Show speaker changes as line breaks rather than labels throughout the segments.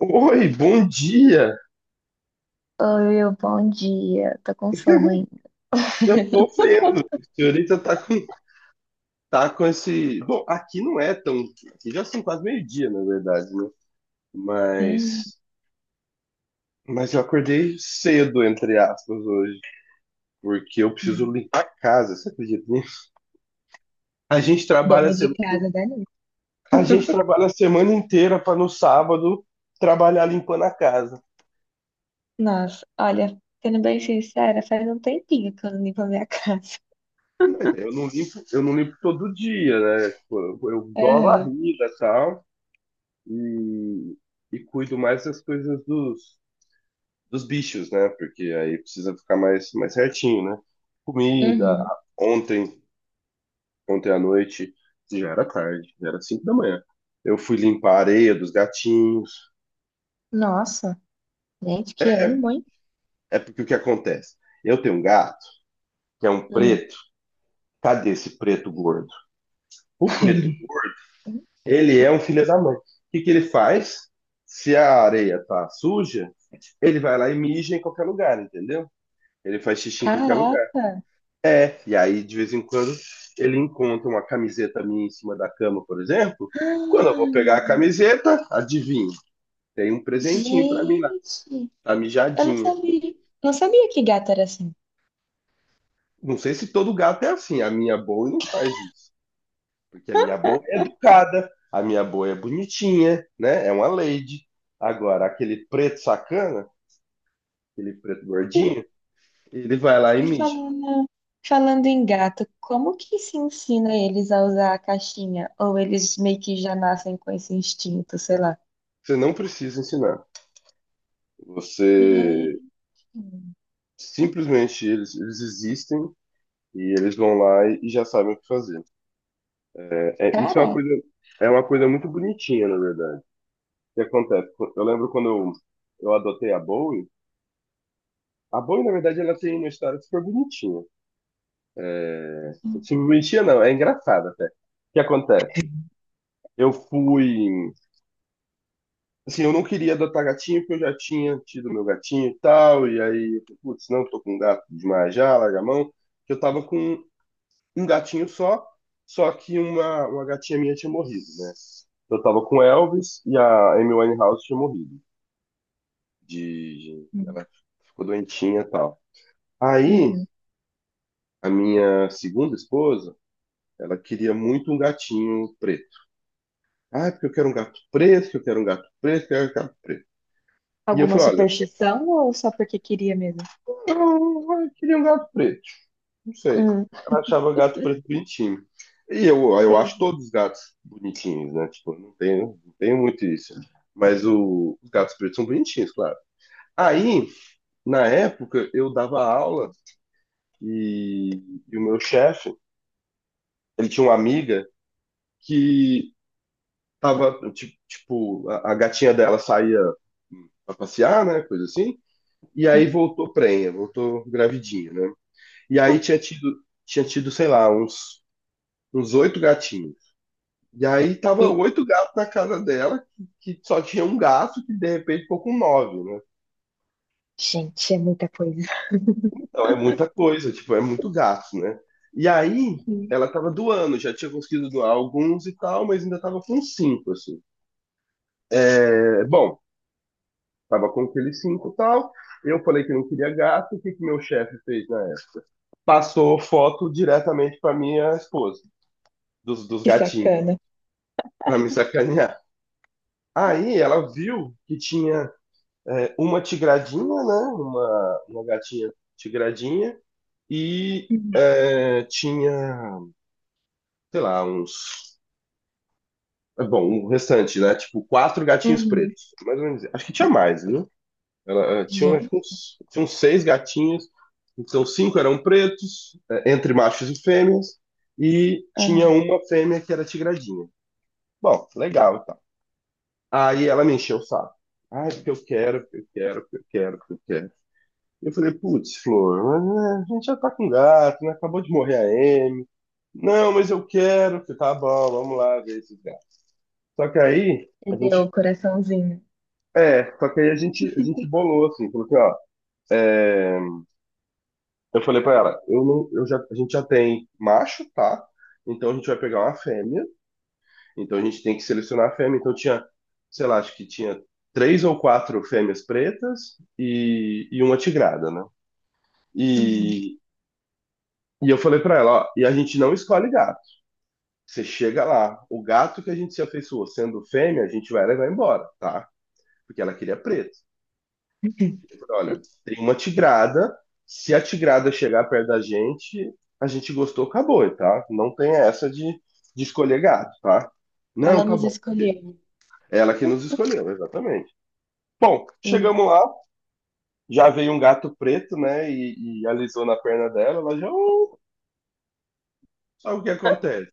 Oi, bom dia.
Oi, bom dia. Tô com sono ainda.
Eu tô vendo. A senhorita tá com esse. Bom, aqui não é tão. Aqui já são quase meio-dia, na verdade, né?
Hum,
Mas. Mas eu acordei cedo, entre aspas, hoje, porque eu preciso
não.
limpar a casa, você acredita nisso? A gente trabalha, a
Dona
se-
de casa da Anitta.
a gente trabalha a semana inteira para no sábado trabalhar limpando a casa.
Nossa, olha, sendo bem sincera, faz um tempinho que eu não limpo a minha casa.
Mas eu não limpo todo dia, né? Tipo, eu dou a
Aham,
varrida e tal, e, e cuido mais das coisas dos bichos, né? Porque aí precisa ficar mais certinho, né? Comida.
uhum.
Ontem, ontem à noite, já era tarde, já era 5 da manhã. Eu fui limpar a areia dos gatinhos.
Nossa, gente, que ânimo, hein?
É porque o que acontece? Eu tenho um gato que é um
Hum.
preto. Cadê esse preto gordo? O preto gordo, ele é um filho da mãe. O que que ele faz? Se a areia tá suja, ele vai lá e mija em qualquer lugar, entendeu? Ele faz xixi em qualquer
Caraca!
lugar. É, e aí, de vez em quando, ele encontra uma camiseta minha em cima da cama, por exemplo. Quando eu vou
Ah,
pegar a camiseta, adivinha, tem um presentinho pra mim lá,
gente,
a
eu não
mijadinha.
sabia. Não sabia que gato era assim.
Não sei se todo gato é assim, a minha boa não faz isso, porque a minha boa é educada, a minha boa é bonitinha, né? É uma lady. Agora, aquele preto sacana, aquele preto gordinho, ele vai lá e
E
mija.
falando em gato, como que se ensina eles a usar a caixinha? Ou eles meio que já nascem com esse instinto, sei lá?
Você não precisa ensinar. Você
Gente,
simplesmente eles existem. E eles vão lá e já sabem o que fazer. É, é- isso é uma
cara.
coisa, É uma coisa muito bonitinha, na verdade. O que acontece? Eu lembro quando eu adotei a Bowie. A Bowie, na verdade, ela tem uma história super bonitinha. É, super bonitinha, não. É engraçada até. O que acontece? Eu fui... Assim, eu não queria adotar gatinho porque eu já tinha tido meu gatinho e tal. E aí, putz, não, tô com um gato demais já, larga a mão. Que eu tava com um gatinho só, só que uma gatinha minha tinha morrido, né? Eu tava com o Elvis e a Amy Winehouse tinha morrido.
Uhum.
Ela ficou doentinha e tal. Aí,
Uhum.
a minha segunda esposa, ela queria muito um gatinho preto. Ah, é porque eu quero um gato preto, que eu quero um gato preto, que eu quero um gato preto. E eu
Alguma
falei, olha,
superstição ou só porque queria mesmo?
eu queria um gato preto. Não sei.
Hum,
Ela achava gato preto bonitinho. E eu acho
entendi.
todos os gatos bonitinhos, né? Tipo, não tenho, não tenho muito isso. Mas os gatos pretos são bonitinhos, claro. Aí, na época, eu dava aula e, e o meu chefe, ele tinha uma amiga que tava, tipo, a gatinha dela saía pra passear, né? Coisa assim. E aí
Uhum.
voltou prenha, voltou gravidinha, né? E aí tinha tido, sei lá, uns, oito gatinhos. E aí tava
E,
oito gatos na casa dela, que só tinha um gato, que de repente ficou com nove, né?
gente, é muita coisa.
Então é muita coisa, tipo, é muito gato, né? E aí
Hum.
ela tava doando, já tinha conseguido doar alguns e tal, mas ainda tava com cinco, assim. É, bom, tava com aqueles cinco e tal. Eu falei que não queria gato, o que que meu chefe fez na época? Passou foto diretamente pra minha esposa, dos
Que
gatinhos,
sacana.
pra me sacanear. Aí ela viu que tinha, uma tigradinha, né? Uma gatinha tigradinha e
Uhum.
é, tinha, sei lá, uns. Bom, o restante, né? Tipo, quatro gatinhos
Uhum.
pretos. Mais ou menos. Acho que tinha mais, viu? Ela, tinha, acho que
Gente,
uns, tinha uns seis gatinhos, então cinco eram pretos, entre machos e fêmeas, e tinha
aham.
uma fêmea que era tigradinha. Bom, legal, tá. Aí ela me encheu o saco. Ai, porque eu quero, porque eu quero, porque eu quero, porque eu quero. Eu falei, putz, Flor, mas, né, a gente já tá com gato, né? Acabou de morrer a Amy. Não, mas eu quero. Eu falei, tá bom, vamos lá ver esses gatos. Só que aí, a
Entendeu
gente.
o coraçãozinho.
É, só que aí a gente bolou, assim, falou assim, ó. é, eu falei pra ela, eu não, eu já, a gente já tem macho, tá? Então a gente vai pegar uma fêmea. Então a gente tem que selecionar a fêmea. Então tinha, sei lá, acho que tinha três ou quatro fêmeas pretas e uma tigrada, né?
Uhum.
E, e eu falei pra ela, ó, e a gente não escolhe gato. Você chega lá, o gato que a gente se afeiçoou sendo fêmea, a gente vai levar embora, tá? Porque ela queria preto. Eu falei, olha, tem uma tigrada, se a tigrada chegar perto da gente, a gente gostou, acabou, tá? Não tem essa de, escolher gato, tá? Não,
Ela
tá
nos
bom.
escolheu.
Ela que nos escolheu, exatamente. Bom, chegamos lá, já veio um gato preto, né? E alisou na perna dela, ela já, "Oh, sabe o que acontece?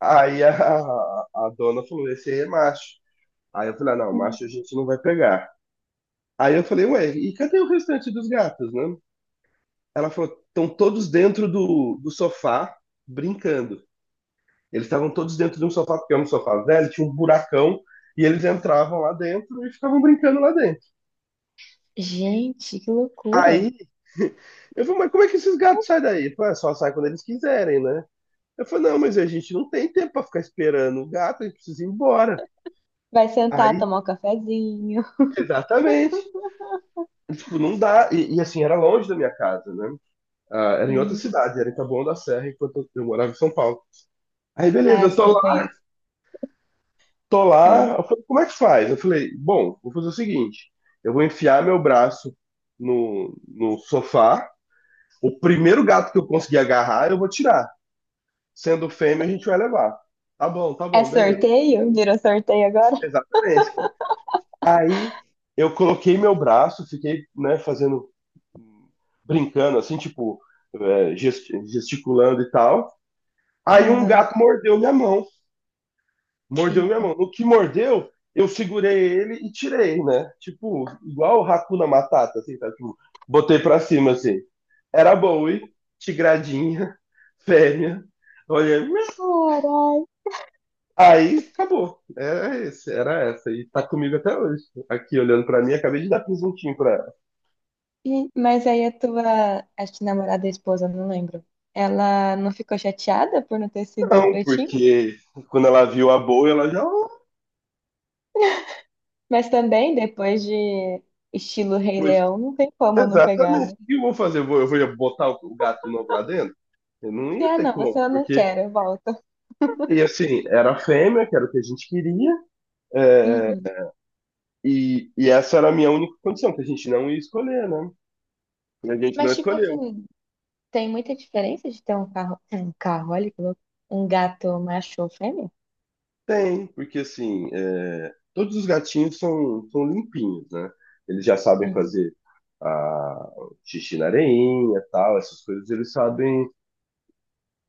Aí a dona falou: esse aí é macho. Aí eu falei, ah, não, macho a
Uhum.
gente não vai pegar. Aí eu falei, ué, e cadê o restante dos gatos, né? Ela falou, estão todos dentro do sofá, brincando. Eles estavam todos dentro de um sofá, porque é um sofá velho, tinha um buracão, e eles entravam lá dentro e ficavam brincando lá dentro.
Gente, que loucura.
Aí eu falei, mas como é que esses gatos saem daí? Ele falou, "É, só sai quando eles quiserem, né? Eu falei, não, mas a gente não tem tempo para ficar esperando o gato, a gente precisa ir embora.
Vai sentar,
Aí,
tomar um cafezinho.
exatamente. Tipo, não dá. Assim, era longe da minha casa, né? Ah, era em outra
Hum.
cidade, era em Taboão da Serra, enquanto eu morava em São Paulo. Aí, beleza,
Ah,
eu tô
sei,
lá,
conheço.
tô
É.
lá. Eu falei, como é que faz? Eu falei, bom, vou fazer o seguinte: eu vou enfiar meu braço no sofá. O primeiro gato que eu conseguir agarrar, eu vou tirar. Sendo fêmea, a gente vai levar. Tá
É
bom, beleza.
sorteio? Virou sorteio agora?
Exatamente. Aí eu coloquei meu braço, fiquei, né, fazendo, brincando, assim, tipo, gesticulando e tal. Aí um
Uhum.
gato mordeu minha mão. Mordeu minha
Eita.
mão. No que mordeu, eu segurei ele e tirei, né? Tipo, igual o Hakuna Matata, assim, tá? Tipo, botei pra cima, assim. Era Bowie, tigradinha, fêmea. Olha,
Caralho.
aí acabou. Era esse, era essa. E tá comigo até hoje. Aqui olhando pra mim, acabei de dar presuntinho pra ela.
E- mas aí a tua, acho que namorada e esposa, não lembro. Ela não ficou chateada por não ter sido
Não,
pretinho?
porque quando ela viu a Bowie, ela já. "Oh,
Mas também, depois de estilo Rei
Pois,
Leão, não tem como não pegar,
exatamente.
né?
O que eu vou fazer? Eu vou botar o gato de novo lá dentro? Eu não
Se,
ia
ah,
ter
não, você
como,
eu não
porque
quero, eu volto.
E assim, era fêmea, que era o que a gente queria, é,
Uhum.
e essa era a minha única condição, que a gente não ia escolher, né? A gente não
Mas, tipo
escolheu.
assim, tem muita diferença de ter um carro, olha que louco, um gato macho ou fêmea?
Tem, porque assim, todos os gatinhos são limpinhos, né? Eles já sabem
Uhum.
fazer a, xixi na areinha, tal, essas coisas, eles sabem.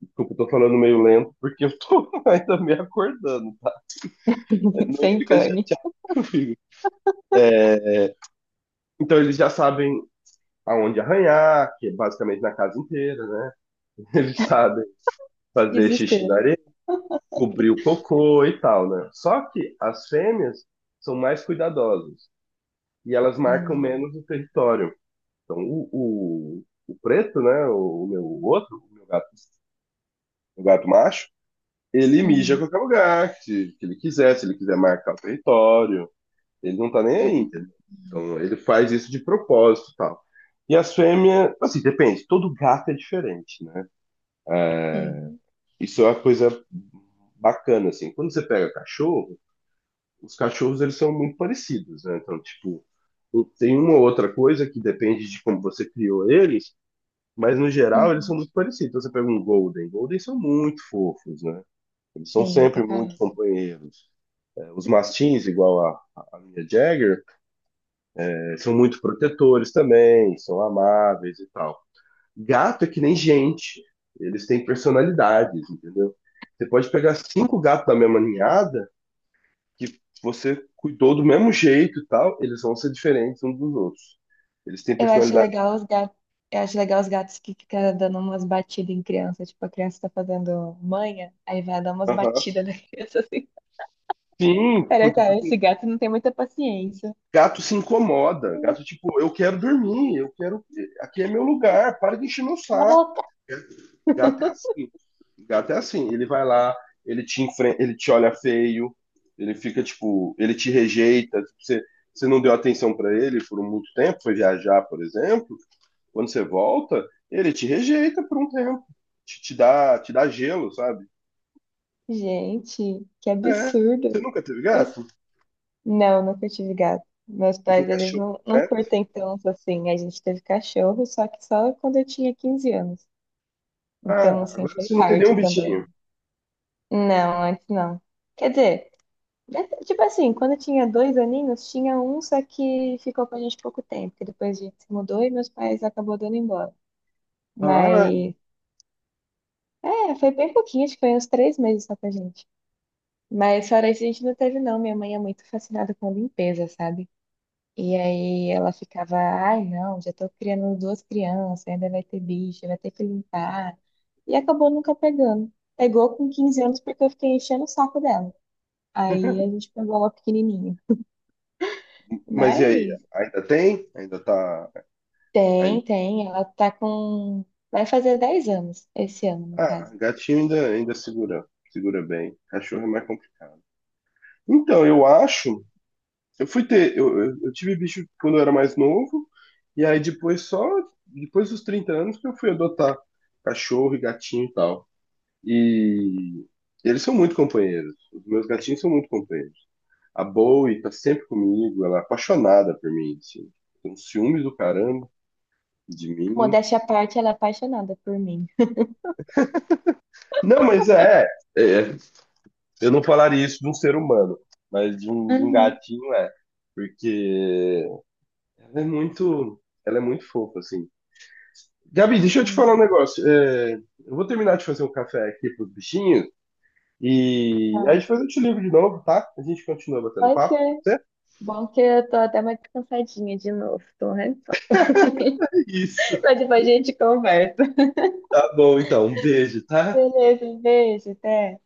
Desculpa, eu tô falando meio lento, porque eu tô ainda me acordando, tá? Não
Sem
fica
pane.
chateado comigo. É, então, eles já sabem aonde arranhar, que é basicamente na casa inteira, né? Eles sabem fazer xixi na
Desespero.
areia, cobrir o cocô e tal, né? Só que as fêmeas são mais cuidadosas e elas marcam
Hum,
menos o território. Então, o preto, né? O meu outro, o meu gato, o gato macho, ele mija a
uhum,
qualquer lugar que ele quiser, se ele quiser marcar o território. Ele não tá nem aí,
uhum,
entendeu? Então, ele faz isso de propósito e tal. E as fêmeas, assim, depende, todo gato é diferente, né? É,
sim,
isso é uma coisa bacana, assim. Quando você pega cachorro, os cachorros eles são muito parecidos, né? Então, tipo, tem uma ou outra coisa que depende de como você criou eles, mas no geral eles
uhum,
são muito parecidos. Então, você pega um Golden, Golden são muito fofos, né? Eles são
sim,
sempre
pra
muito
caralho.
companheiros. É, os mastins, igual a minha Jagger, são muito protetores também, são amáveis e tal. Gato é que nem gente, eles têm personalidades, entendeu? Você pode pegar cinco gatos da mesma ninhada, que você cuidou do mesmo jeito e tal, eles vão ser diferentes uns dos outros. Eles têm
Eu acho
personalidade.
legal os gatos, eu acho legal os gatos que ficam dando umas batidas em criança, tipo, a criança tá fazendo manha, aí vai dar umas
Aham.
batidas na criança assim.
Sim,
Cara,
porque
cara,
porque
esse gato não tem muita paciência.
gato se incomoda. Gato, tipo, eu quero dormir, eu quero. Aqui é meu lugar, para de encher meu
Cala a
saco.
boca.
Gato é assim. Gato é assim. Ele vai lá, ele te enfrenta, ele te olha feio, ele fica tipo, ele te rejeita. Tipo, você não deu atenção para ele por muito tempo, foi viajar, por exemplo. Quando você volta, ele te rejeita por um tempo. Te dá gelo, sabe?
Gente, que
É.
absurdo.
Você nunca teve gato?
Não, nunca tive gato. Meus
Você tem
pais, eles
cachorro,
não
certo?
curtem tanto assim. A gente teve cachorro, só que só quando eu tinha 15 anos.
Ah,
Então, assim,
agora
foi
você não tem nenhum
tarde também.
bichinho.
Não, antes não. Quer dizer, né, tipo assim, quando eu tinha dois aninhos, tinha um só que ficou com a gente pouco tempo, que depois a gente se mudou e meus pais acabou dando embora.
Ah,
Mas, é, foi bem pouquinho, acho que foi uns 3 meses só com a gente. Mas fora isso, a gente não teve, não. Minha mãe é muito fascinada com limpeza, sabe? E aí ela ficava, ai não, já tô criando duas crianças, ainda vai ter bicho, vai ter que limpar. E acabou nunca pegando. Pegou com 15 anos porque eu fiquei enchendo o saco dela. Aí a gente pegou ela pequenininha.
mas e aí?
Mas
Ainda tem? Ainda tá,
tem, tem, ela tá com... Vai fazer 10 anos esse ano, no
Ah,
caso.
gatinho ainda, segura, bem. Cachorro é mais complicado. Então, eu acho. Eu fui ter. Eu tive bicho quando eu era mais novo, e aí depois só. Depois dos 30 anos que eu fui adotar cachorro e gatinho e tal. E eles são muito companheiros. Os meus gatinhos são muito companheiros. A Bowie tá sempre comigo, ela é apaixonada por mim, assim. Tem um ciúmes do caramba de mim.
Modéstia à parte, ela é apaixonada por mim.
Não, mas é, é Eu não falaria isso de um ser humano, mas de um
Uhum.
gatinho é. Porque ela é muito fofa, assim. Gabi, deixa eu te
Hum.
falar um negócio. É, eu vou terminar de fazer um café aqui pros bichinhos e aí
Tá.
depois eu te ligo de novo, tá? A gente continua batendo
Pode
papo.
ser.
Até
Bom que eu tô até mais cansadinha de novo, tô rezando.
isso.
Mas depois a gente conversa.
Tá bom, então. Um beijo, tá?
Beleza, um beijo, até.